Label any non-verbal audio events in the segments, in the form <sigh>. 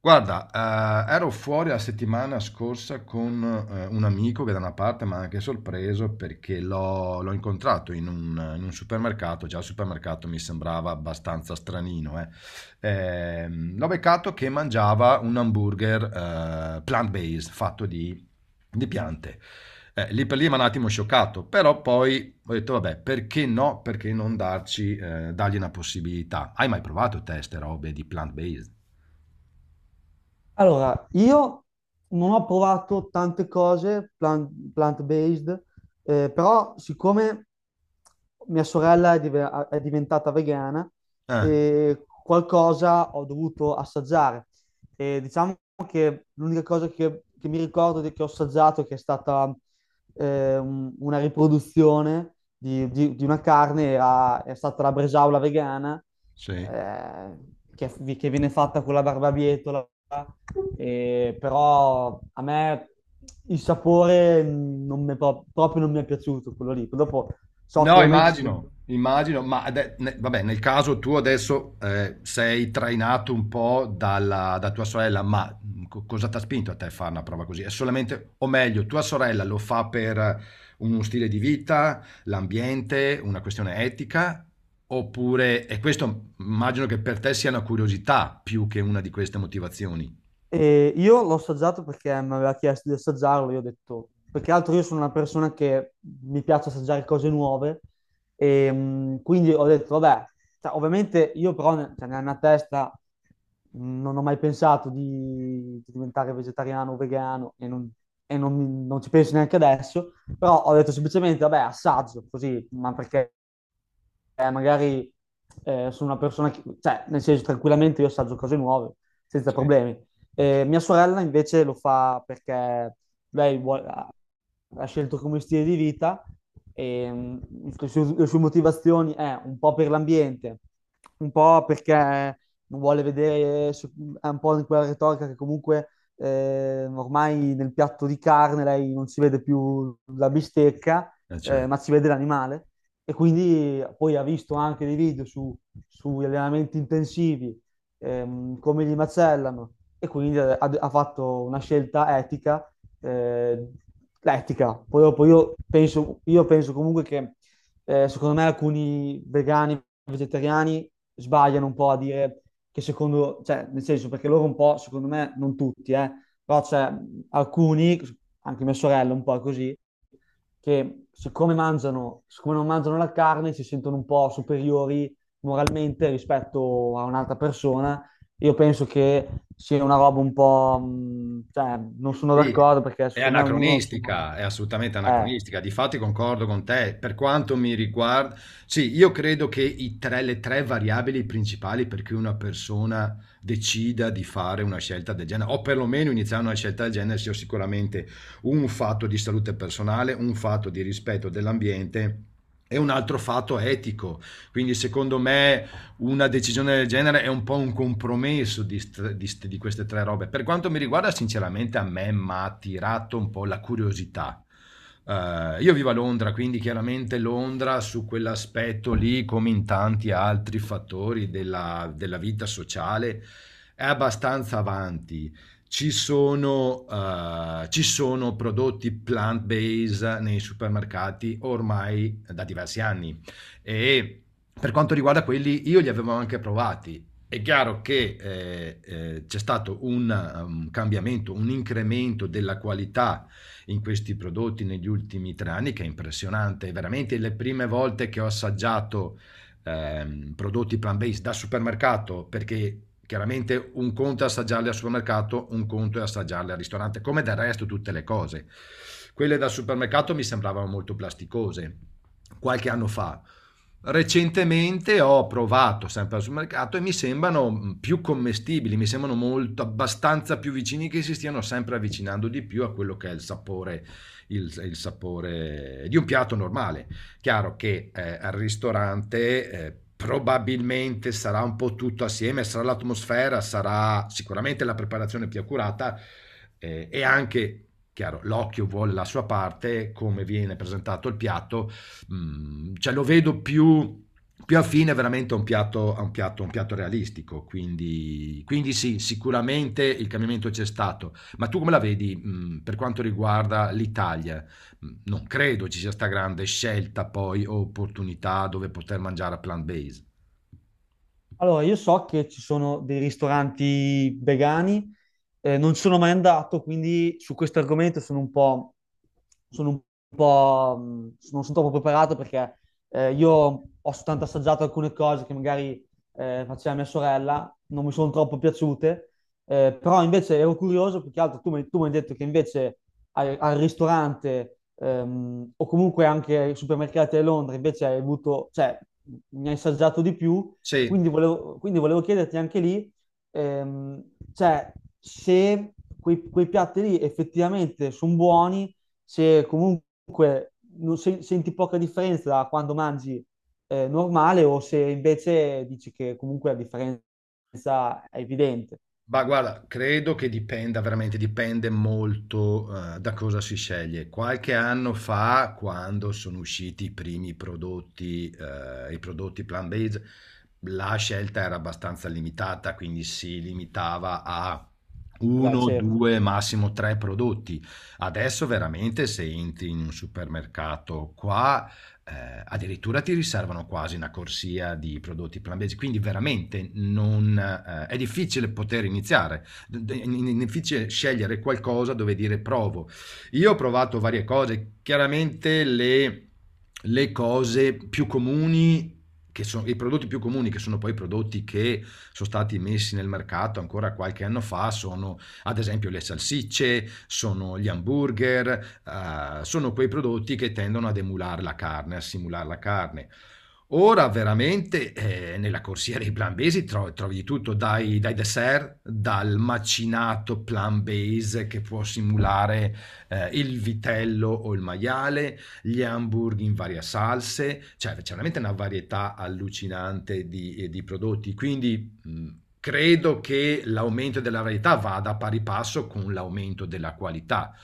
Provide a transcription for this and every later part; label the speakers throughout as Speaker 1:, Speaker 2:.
Speaker 1: Guarda, ero fuori la settimana scorsa con un amico che da una parte m'ha anche sorpreso perché l'ho incontrato in un supermercato. Già il supermercato mi sembrava abbastanza stranino, eh. L'ho beccato che mangiava un hamburger plant-based, fatto di piante. Lì per lì m'ha un attimo scioccato, però poi ho detto: "Vabbè, perché no, perché non darci dargli una possibilità?" Hai mai provato te 'ste robe di plant-based?
Speaker 2: Allora, io non ho provato tante cose plant, based però siccome mia sorella è, è diventata vegana,
Speaker 1: Eh.
Speaker 2: qualcosa ho dovuto assaggiare. E diciamo che l'unica cosa che mi ricordo che ho assaggiato, che è stata una riproduzione di una carne, è stata la bresaola vegana
Speaker 1: Sì.
Speaker 2: eh, che, che viene fatta con la barbabietola, però a me il sapore non mi è proprio non mi è piaciuto quello lì. Dopo so che
Speaker 1: No,
Speaker 2: ovviamente sono.
Speaker 1: immagino, immagino, ma vabbè, nel caso tu adesso sei trainato un po' dalla, da tua sorella, ma cosa ti ha spinto a te a fare una prova così? È solamente, o meglio, tua sorella lo fa per uno stile di vita, l'ambiente, una questione etica, oppure, e questo immagino che per te sia una curiosità più che una di queste motivazioni.
Speaker 2: E io l'ho assaggiato perché mi aveva chiesto di assaggiarlo. Io ho detto, perché altro io sono una persona che mi piace assaggiare cose nuove, e quindi ho detto, vabbè, cioè, ovviamente io cioè, nella mia testa non ho mai pensato di diventare vegetariano o vegano e, non, e non ci penso neanche adesso, però ho detto semplicemente, vabbè, assaggio così, ma perché magari sono una persona che, cioè, nel senso, tranquillamente io assaggio cose nuove, senza
Speaker 1: Sì.
Speaker 2: problemi. Mia sorella invece lo fa perché ha, ha scelto come stile di vita e le sue motivazioni è un po' per l'ambiente, un po' perché non vuole vedere, è un po' in quella retorica che comunque ormai nel piatto di carne lei non si vede più la bistecca,
Speaker 1: Certo.
Speaker 2: ma si vede l'animale. E quindi poi ha visto anche dei video su, sugli allenamenti intensivi, come li macellano, e quindi ha fatto una scelta etica, eh, l'etica. Poi dopo io penso comunque che secondo me alcuni vegani, vegetariani sbagliano un po' a dire che secondo, cioè nel senso perché loro un po', secondo me, non tutti, però c'è alcuni, anche mia sorella un po' è così, che siccome non mangiano la carne, si sentono un po' superiori moralmente rispetto a un'altra persona. Io penso che sia una roba un po', cioè, non sono
Speaker 1: Sì,
Speaker 2: d'accordo perché
Speaker 1: è
Speaker 2: secondo me ognuno ha il suo
Speaker 1: anacronistica,
Speaker 2: morale.
Speaker 1: è assolutamente
Speaker 2: Eh.
Speaker 1: anacronistica. Difatti concordo con te. Per quanto mi riguarda, sì, io credo che i le tre variabili principali per cui una persona decida di fare una scelta del genere, o perlomeno iniziare una scelta del genere, sia sicuramente un fatto di salute personale, un fatto di rispetto dell'ambiente. E un altro fatto etico. Quindi, secondo me, una decisione del genere è un po' un compromesso di queste tre robe. Per quanto mi riguarda, sinceramente, a me mi ha attirato un po' la curiosità. Io vivo a Londra, quindi chiaramente Londra su quell'aspetto lì, come in tanti altri fattori della, della vita sociale, è abbastanza avanti. Ci sono prodotti plant-based nei supermercati ormai da diversi anni e per quanto riguarda quelli, io li avevo anche provati. È chiaro che c'è stato un cambiamento, un incremento della qualità in questi prodotti negli ultimi 3 anni che è impressionante. Veramente le prime volte che ho assaggiato prodotti plant-based da supermercato, perché chiaramente un conto è assaggiarli al supermercato, un conto è assaggiarli al ristorante, come del resto tutte le cose. Quelle da supermercato mi sembravano molto plasticose qualche anno fa. Recentemente ho provato sempre al supermercato e mi sembrano più commestibili, mi sembrano molto abbastanza più vicini, che si stiano sempre avvicinando di più a quello che è il sapore di un piatto normale. Chiaro che, al ristorante, probabilmente sarà un po' tutto assieme, sarà l'atmosfera, sarà sicuramente la preparazione più accurata, e anche, chiaro, l'occhio vuol la sua parte, come viene presentato il piatto, cioè lo vedo più affine veramente a un piatto a un piatto a un piatto realistico. Quindi sì, sicuramente il cambiamento c'è stato. Ma tu come la vedi, per quanto riguarda l'Italia? Non credo ci sia sta grande scelta poi o opportunità dove poter mangiare a plant based.
Speaker 2: Allora, io so che ci sono dei ristoranti vegani, non ci sono mai andato, quindi su questo argomento sono un po', mh, non sono troppo preparato perché io ho soltanto assaggiato alcune cose che magari faceva mia sorella, non mi sono troppo piaciute, però invece ero curioso, perché altro tu mi hai detto che invece al ristorante o comunque anche ai supermercati di Londra invece hai avuto, cioè, mi hai assaggiato di più.
Speaker 1: Sì,
Speaker 2: Quindi volevo chiederti anche lì, ehm, cioè, se quei piatti lì effettivamente sono buoni, se comunque non senti poca differenza da quando mangi normale, o se invece dici che comunque la differenza è evidente.
Speaker 1: ma guarda, credo che dipenda veramente dipende molto, da cosa si sceglie. Qualche anno fa, quando sono usciti i primi prodotti, i prodotti plant based, la scelta era abbastanza limitata, quindi si limitava a
Speaker 2: Beh,
Speaker 1: 1,
Speaker 2: certo.
Speaker 1: 2, massimo 3 prodotti. Adesso veramente se entri in un supermercato qua, addirittura ti riservano quasi una corsia di prodotti plant, quindi veramente non, è difficile poter iniziare, è difficile scegliere qualcosa dove dire provo. Io ho provato varie cose, chiaramente le cose più comuni, che sono i prodotti più comuni, che sono poi prodotti che sono stati messi nel mercato ancora qualche anno fa, sono ad esempio le salsicce, sono gli hamburger, sono quei prodotti che tendono ad emulare la carne, a simulare la carne. Ora veramente nella corsia dei plant-based trovi di tutto, dai, dai dessert, dal macinato plant-based che può simulare il vitello o il maiale, gli hamburger in varie salse, cioè c'è veramente una varietà allucinante di prodotti. Quindi mh, credo che l'aumento della varietà vada a pari passo con l'aumento della qualità.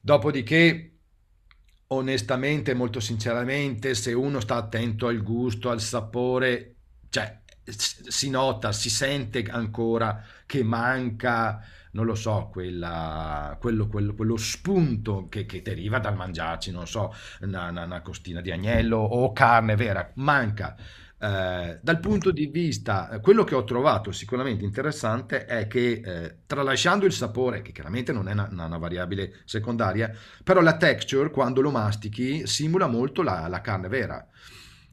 Speaker 1: Dopodiché, onestamente, molto sinceramente, se uno sta attento al gusto, al sapore, cioè si nota, si sente ancora che manca, non lo so, quello spunto che deriva dal mangiarci, non so, una costina di agnello o carne vera, manca. Dal punto di vista, quello che ho trovato sicuramente interessante è che tralasciando il sapore, che chiaramente non è una variabile secondaria, però la texture quando lo mastichi simula molto la carne vera.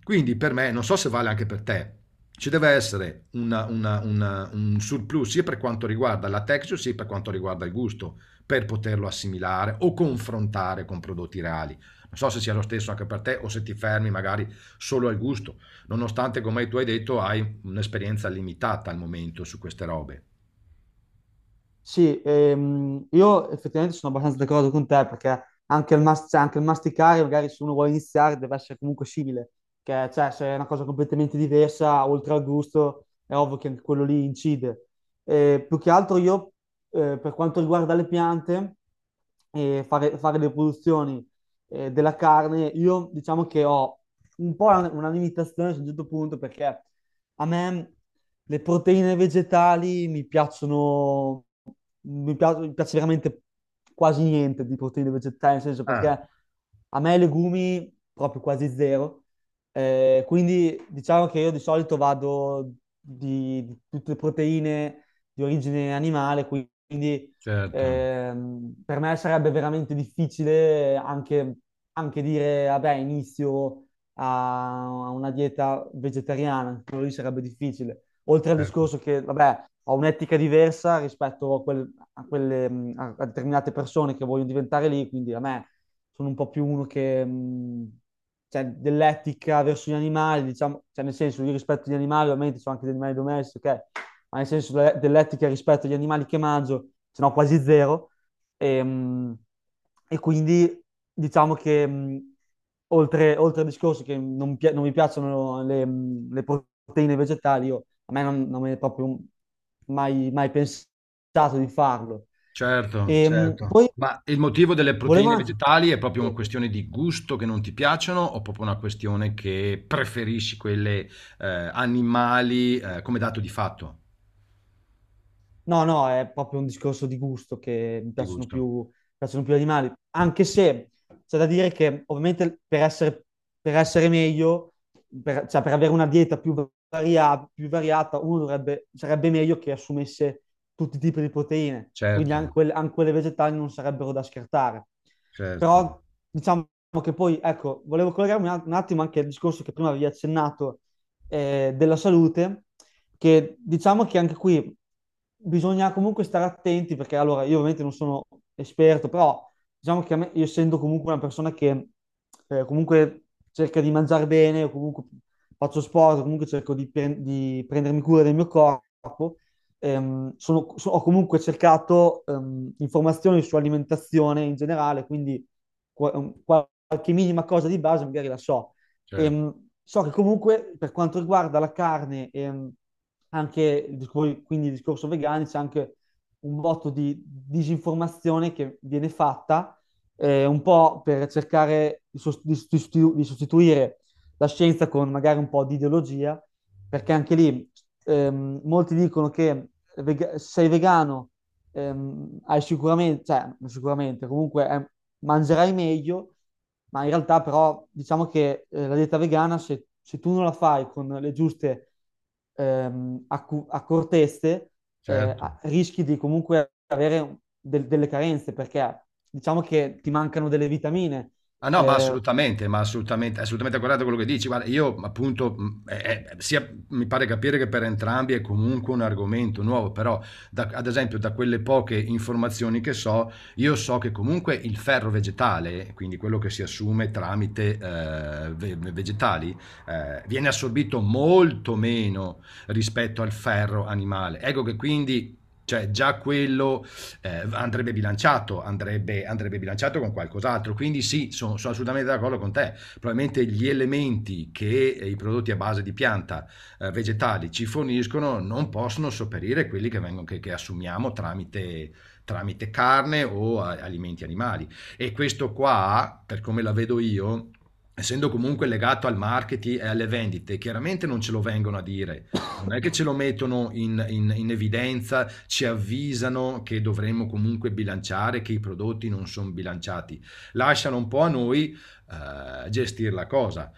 Speaker 1: Quindi per me, non so se vale anche per te, ci deve essere un surplus sia per quanto riguarda la texture sia per quanto riguarda il gusto, per poterlo assimilare o confrontare con prodotti reali. Non so se sia lo stesso anche per te o se ti fermi magari solo al gusto nonostante, come tu hai detto, hai un'esperienza limitata al momento su queste robe.
Speaker 2: Sì, io effettivamente sono abbastanza d'accordo con te perché anche cioè, anche il masticare, magari se uno vuole iniziare, deve essere comunque simile, che cioè, se è una cosa completamente diversa, oltre al gusto, è ovvio che anche quello lì incide. Più che altro io, per quanto riguarda le piante, e fare le produzioni della carne, io diciamo che ho un po' una limitazione a un certo punto perché a me le proteine vegetali mi piacciono, mi piace veramente quasi niente di proteine vegetali, nel senso
Speaker 1: Ah,
Speaker 2: perché a me i legumi proprio quasi zero. Quindi diciamo che io di solito vado di tutte le proteine di origine animale, quindi
Speaker 1: certo,
Speaker 2: per me sarebbe veramente difficile anche, anche dire, vabbè, inizio a una dieta vegetariana, anche quello lì sarebbe difficile. Oltre al
Speaker 1: certo,
Speaker 2: discorso che, vabbè, ho un'etica diversa rispetto a quelle, a determinate persone che vogliono diventare lì, quindi a me sono un po' più uno che, cioè, dell'etica verso gli animali, diciamo, cioè, nel senso, io rispetto gli animali, ovviamente sono anche degli animali domestici, ok? Ma nel senso dell'etica rispetto agli animali che mangio, se no quasi zero. E, mh, e quindi diciamo che oltre al discorso che non mi piacciono le proteine vegetali, a me non me ne è proprio mai pensato di farlo.
Speaker 1: certo,
Speaker 2: E,
Speaker 1: certo.
Speaker 2: poi
Speaker 1: Ma il motivo delle
Speaker 2: volevo
Speaker 1: proteine
Speaker 2: anche...
Speaker 1: vegetali è proprio una questione di gusto che non ti piacciono o proprio una questione che preferisci quelle animali, come dato di fatto?
Speaker 2: No, no, è proprio un discorso di gusto che
Speaker 1: Di gusto.
Speaker 2: mi piacciono più gli animali, anche se c'è da dire che ovviamente per essere meglio, per, cioè per avere una dieta più più variata, uno dovrebbe, sarebbe meglio che assumesse tutti i tipi di proteine, quindi
Speaker 1: Certo,
Speaker 2: anche, anche quelle vegetali non sarebbero da scartare.
Speaker 1: certo,
Speaker 2: Però diciamo che poi, ecco, volevo collegarmi un attimo anche al discorso che prima avevi accennato della salute, che diciamo che anche qui quindi bisogna comunque stare attenti perché allora io ovviamente non sono esperto, però diciamo che a me, io essendo comunque una persona che comunque cerca di mangiare bene, o comunque faccio sport, o comunque cerco di, di prendermi cura del mio corpo, ho comunque cercato informazioni su alimentazione in generale, quindi qua- qualche minima cosa di base magari la so.
Speaker 1: certo,
Speaker 2: Ehm, so che comunque per quanto riguarda la carne, anche il quindi il discorso vegano, c'è anche un botto di disinformazione che viene fatta, un po' per cercare di di sostituire la scienza con magari un po' di ideologia, perché anche lì molti dicono che se sei vegano hai sicuramente, cioè non sicuramente, comunque mangerai meglio, ma in realtà però diciamo che la dieta vegana, se, se tu non la fai con le giuste accortezze,
Speaker 1: certo.
Speaker 2: rischi di comunque avere delle carenze, perché diciamo che ti mancano delle vitamine.
Speaker 1: Ah no,
Speaker 2: Eh,
Speaker 1: ma assolutamente, assolutamente guardate quello che dici. Guarda, io appunto, mi pare capire che per entrambi è comunque un argomento nuovo, però ad esempio da quelle poche informazioni che so, io so che comunque il ferro vegetale, quindi quello che si assume tramite vegetali, viene assorbito molto meno rispetto al ferro animale. Ecco che quindi, cioè già quello andrebbe bilanciato, andrebbe bilanciato con qualcos'altro. Quindi sì, sono assolutamente d'accordo con te. Probabilmente gli elementi che i prodotti a base di pianta, vegetali, ci forniscono non possono sopperire quelli che assumiamo tramite carne o alimenti animali. E questo qua, per come la vedo io, essendo comunque legato al marketing e alle vendite, chiaramente non ce lo vengono a dire, non è che ce lo mettono in evidenza, ci avvisano che dovremmo comunque bilanciare, che i prodotti non sono bilanciati. Lasciano un po' a noi gestire la cosa.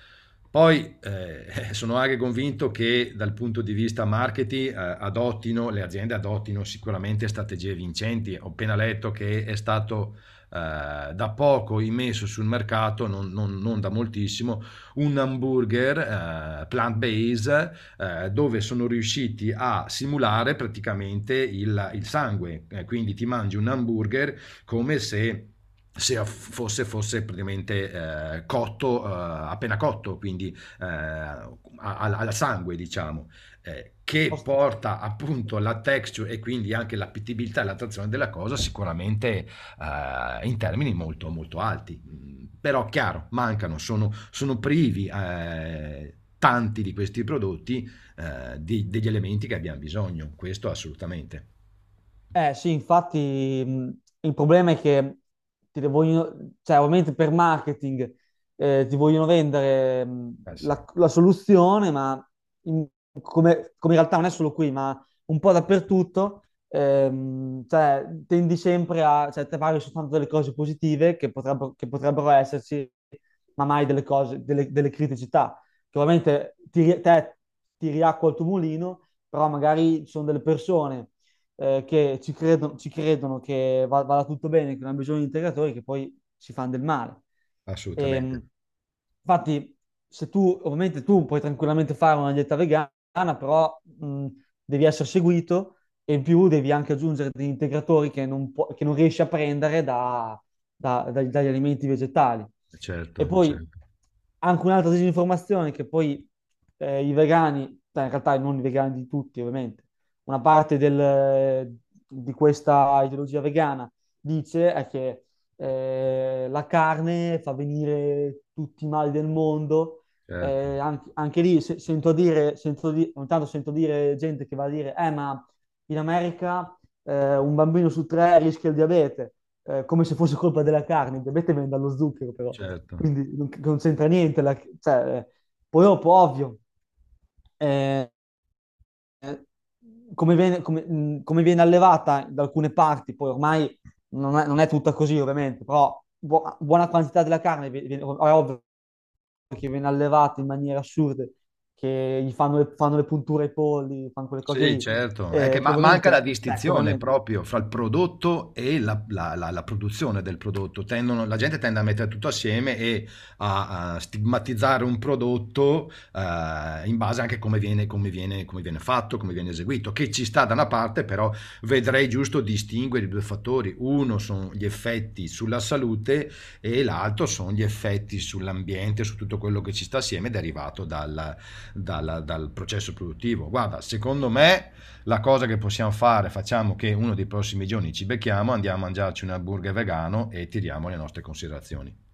Speaker 1: Poi, <laughs> sono anche convinto che dal punto di vista marketing, adottino le aziende adottino sicuramente strategie vincenti. Ho appena letto che è stato, da poco immesso sul mercato, non da moltissimo, un hamburger, plant based, dove sono riusciti a simulare praticamente il sangue. Quindi ti mangi un hamburger come se fosse praticamente appena cotto, quindi al sangue, diciamo, che
Speaker 2: oste.
Speaker 1: porta appunto la texture e quindi anche l'appetibilità e l'attrazione della cosa sicuramente in termini molto, molto alti. Però chiaro, mancano, sono privi tanti di questi prodotti degli elementi che abbiamo bisogno, questo assolutamente.
Speaker 2: Eh sì, infatti il problema è che ti vogliono, cioè ovviamente per marketing ti vogliono vendere
Speaker 1: Ah, sì.
Speaker 2: la soluzione, ma in- come, come in realtà non è solo qui, ma un po' dappertutto, cioè, tendi sempre a, cioè, te parli soltanto delle cose positive che potrebbero esserci, ma mai delle cose, delle criticità, che ovviamente ti riacqua il tuo mulino, però magari ci sono delle persone ci credono che vada tutto bene, che non hanno bisogno di integratori, che poi ci fanno del male. Ehm,
Speaker 1: Assolutamente,
Speaker 2: infatti, se tu, ovviamente tu puoi tranquillamente fare una dieta vegana, però devi essere seguito e in più devi anche aggiungere degli integratori che non, pu- che non riesci a prendere dagli alimenti vegetali.
Speaker 1: certo,
Speaker 2: E poi
Speaker 1: certo.
Speaker 2: anche un'altra disinformazione che poi i vegani, beh, in realtà non i vegani di tutti ovviamente, una parte di questa ideologia vegana dice è che la carne fa venire tutti i mali del mondo.
Speaker 1: Certo,
Speaker 2: Anche, anche lì sento dire, sento ogni tanto sento dire gente che va a dire, ma in America un bambino su 3 rischia il diabete, come se fosse colpa della carne. Il diabete viene dallo zucchero, però,
Speaker 1: certo.
Speaker 2: quindi non, non c'entra niente. Cioè, poi dopo, ovvio, eh, eh, come viene, come viene allevata da alcune parti, poi ormai non è, non è tutta così ovviamente, però buona quantità della carne è ovvio che viene allevata in maniere assurde, che gli fanno le punture ai polli, fanno quelle cose
Speaker 1: Sì,
Speaker 2: lì,
Speaker 1: certo. È
Speaker 2: eh,
Speaker 1: che
Speaker 2: che
Speaker 1: manca
Speaker 2: ovviamente,
Speaker 1: la
Speaker 2: che
Speaker 1: distinzione
Speaker 2: ovviamente
Speaker 1: proprio fra il prodotto e la produzione del prodotto. La gente tende a mettere tutto assieme e a, a stigmatizzare un prodotto in base anche a come viene fatto, come viene eseguito, che ci sta da una parte, però vedrei giusto distinguere i due fattori. Uno sono gli effetti sulla salute e l'altro sono gli effetti sull'ambiente, su tutto quello che ci sta assieme derivato dal processo produttivo. Guarda, secondo me la cosa che possiamo fare, facciamo che uno dei prossimi giorni ci becchiamo, andiamo a mangiarci un hamburger vegano e tiriamo le nostre considerazioni.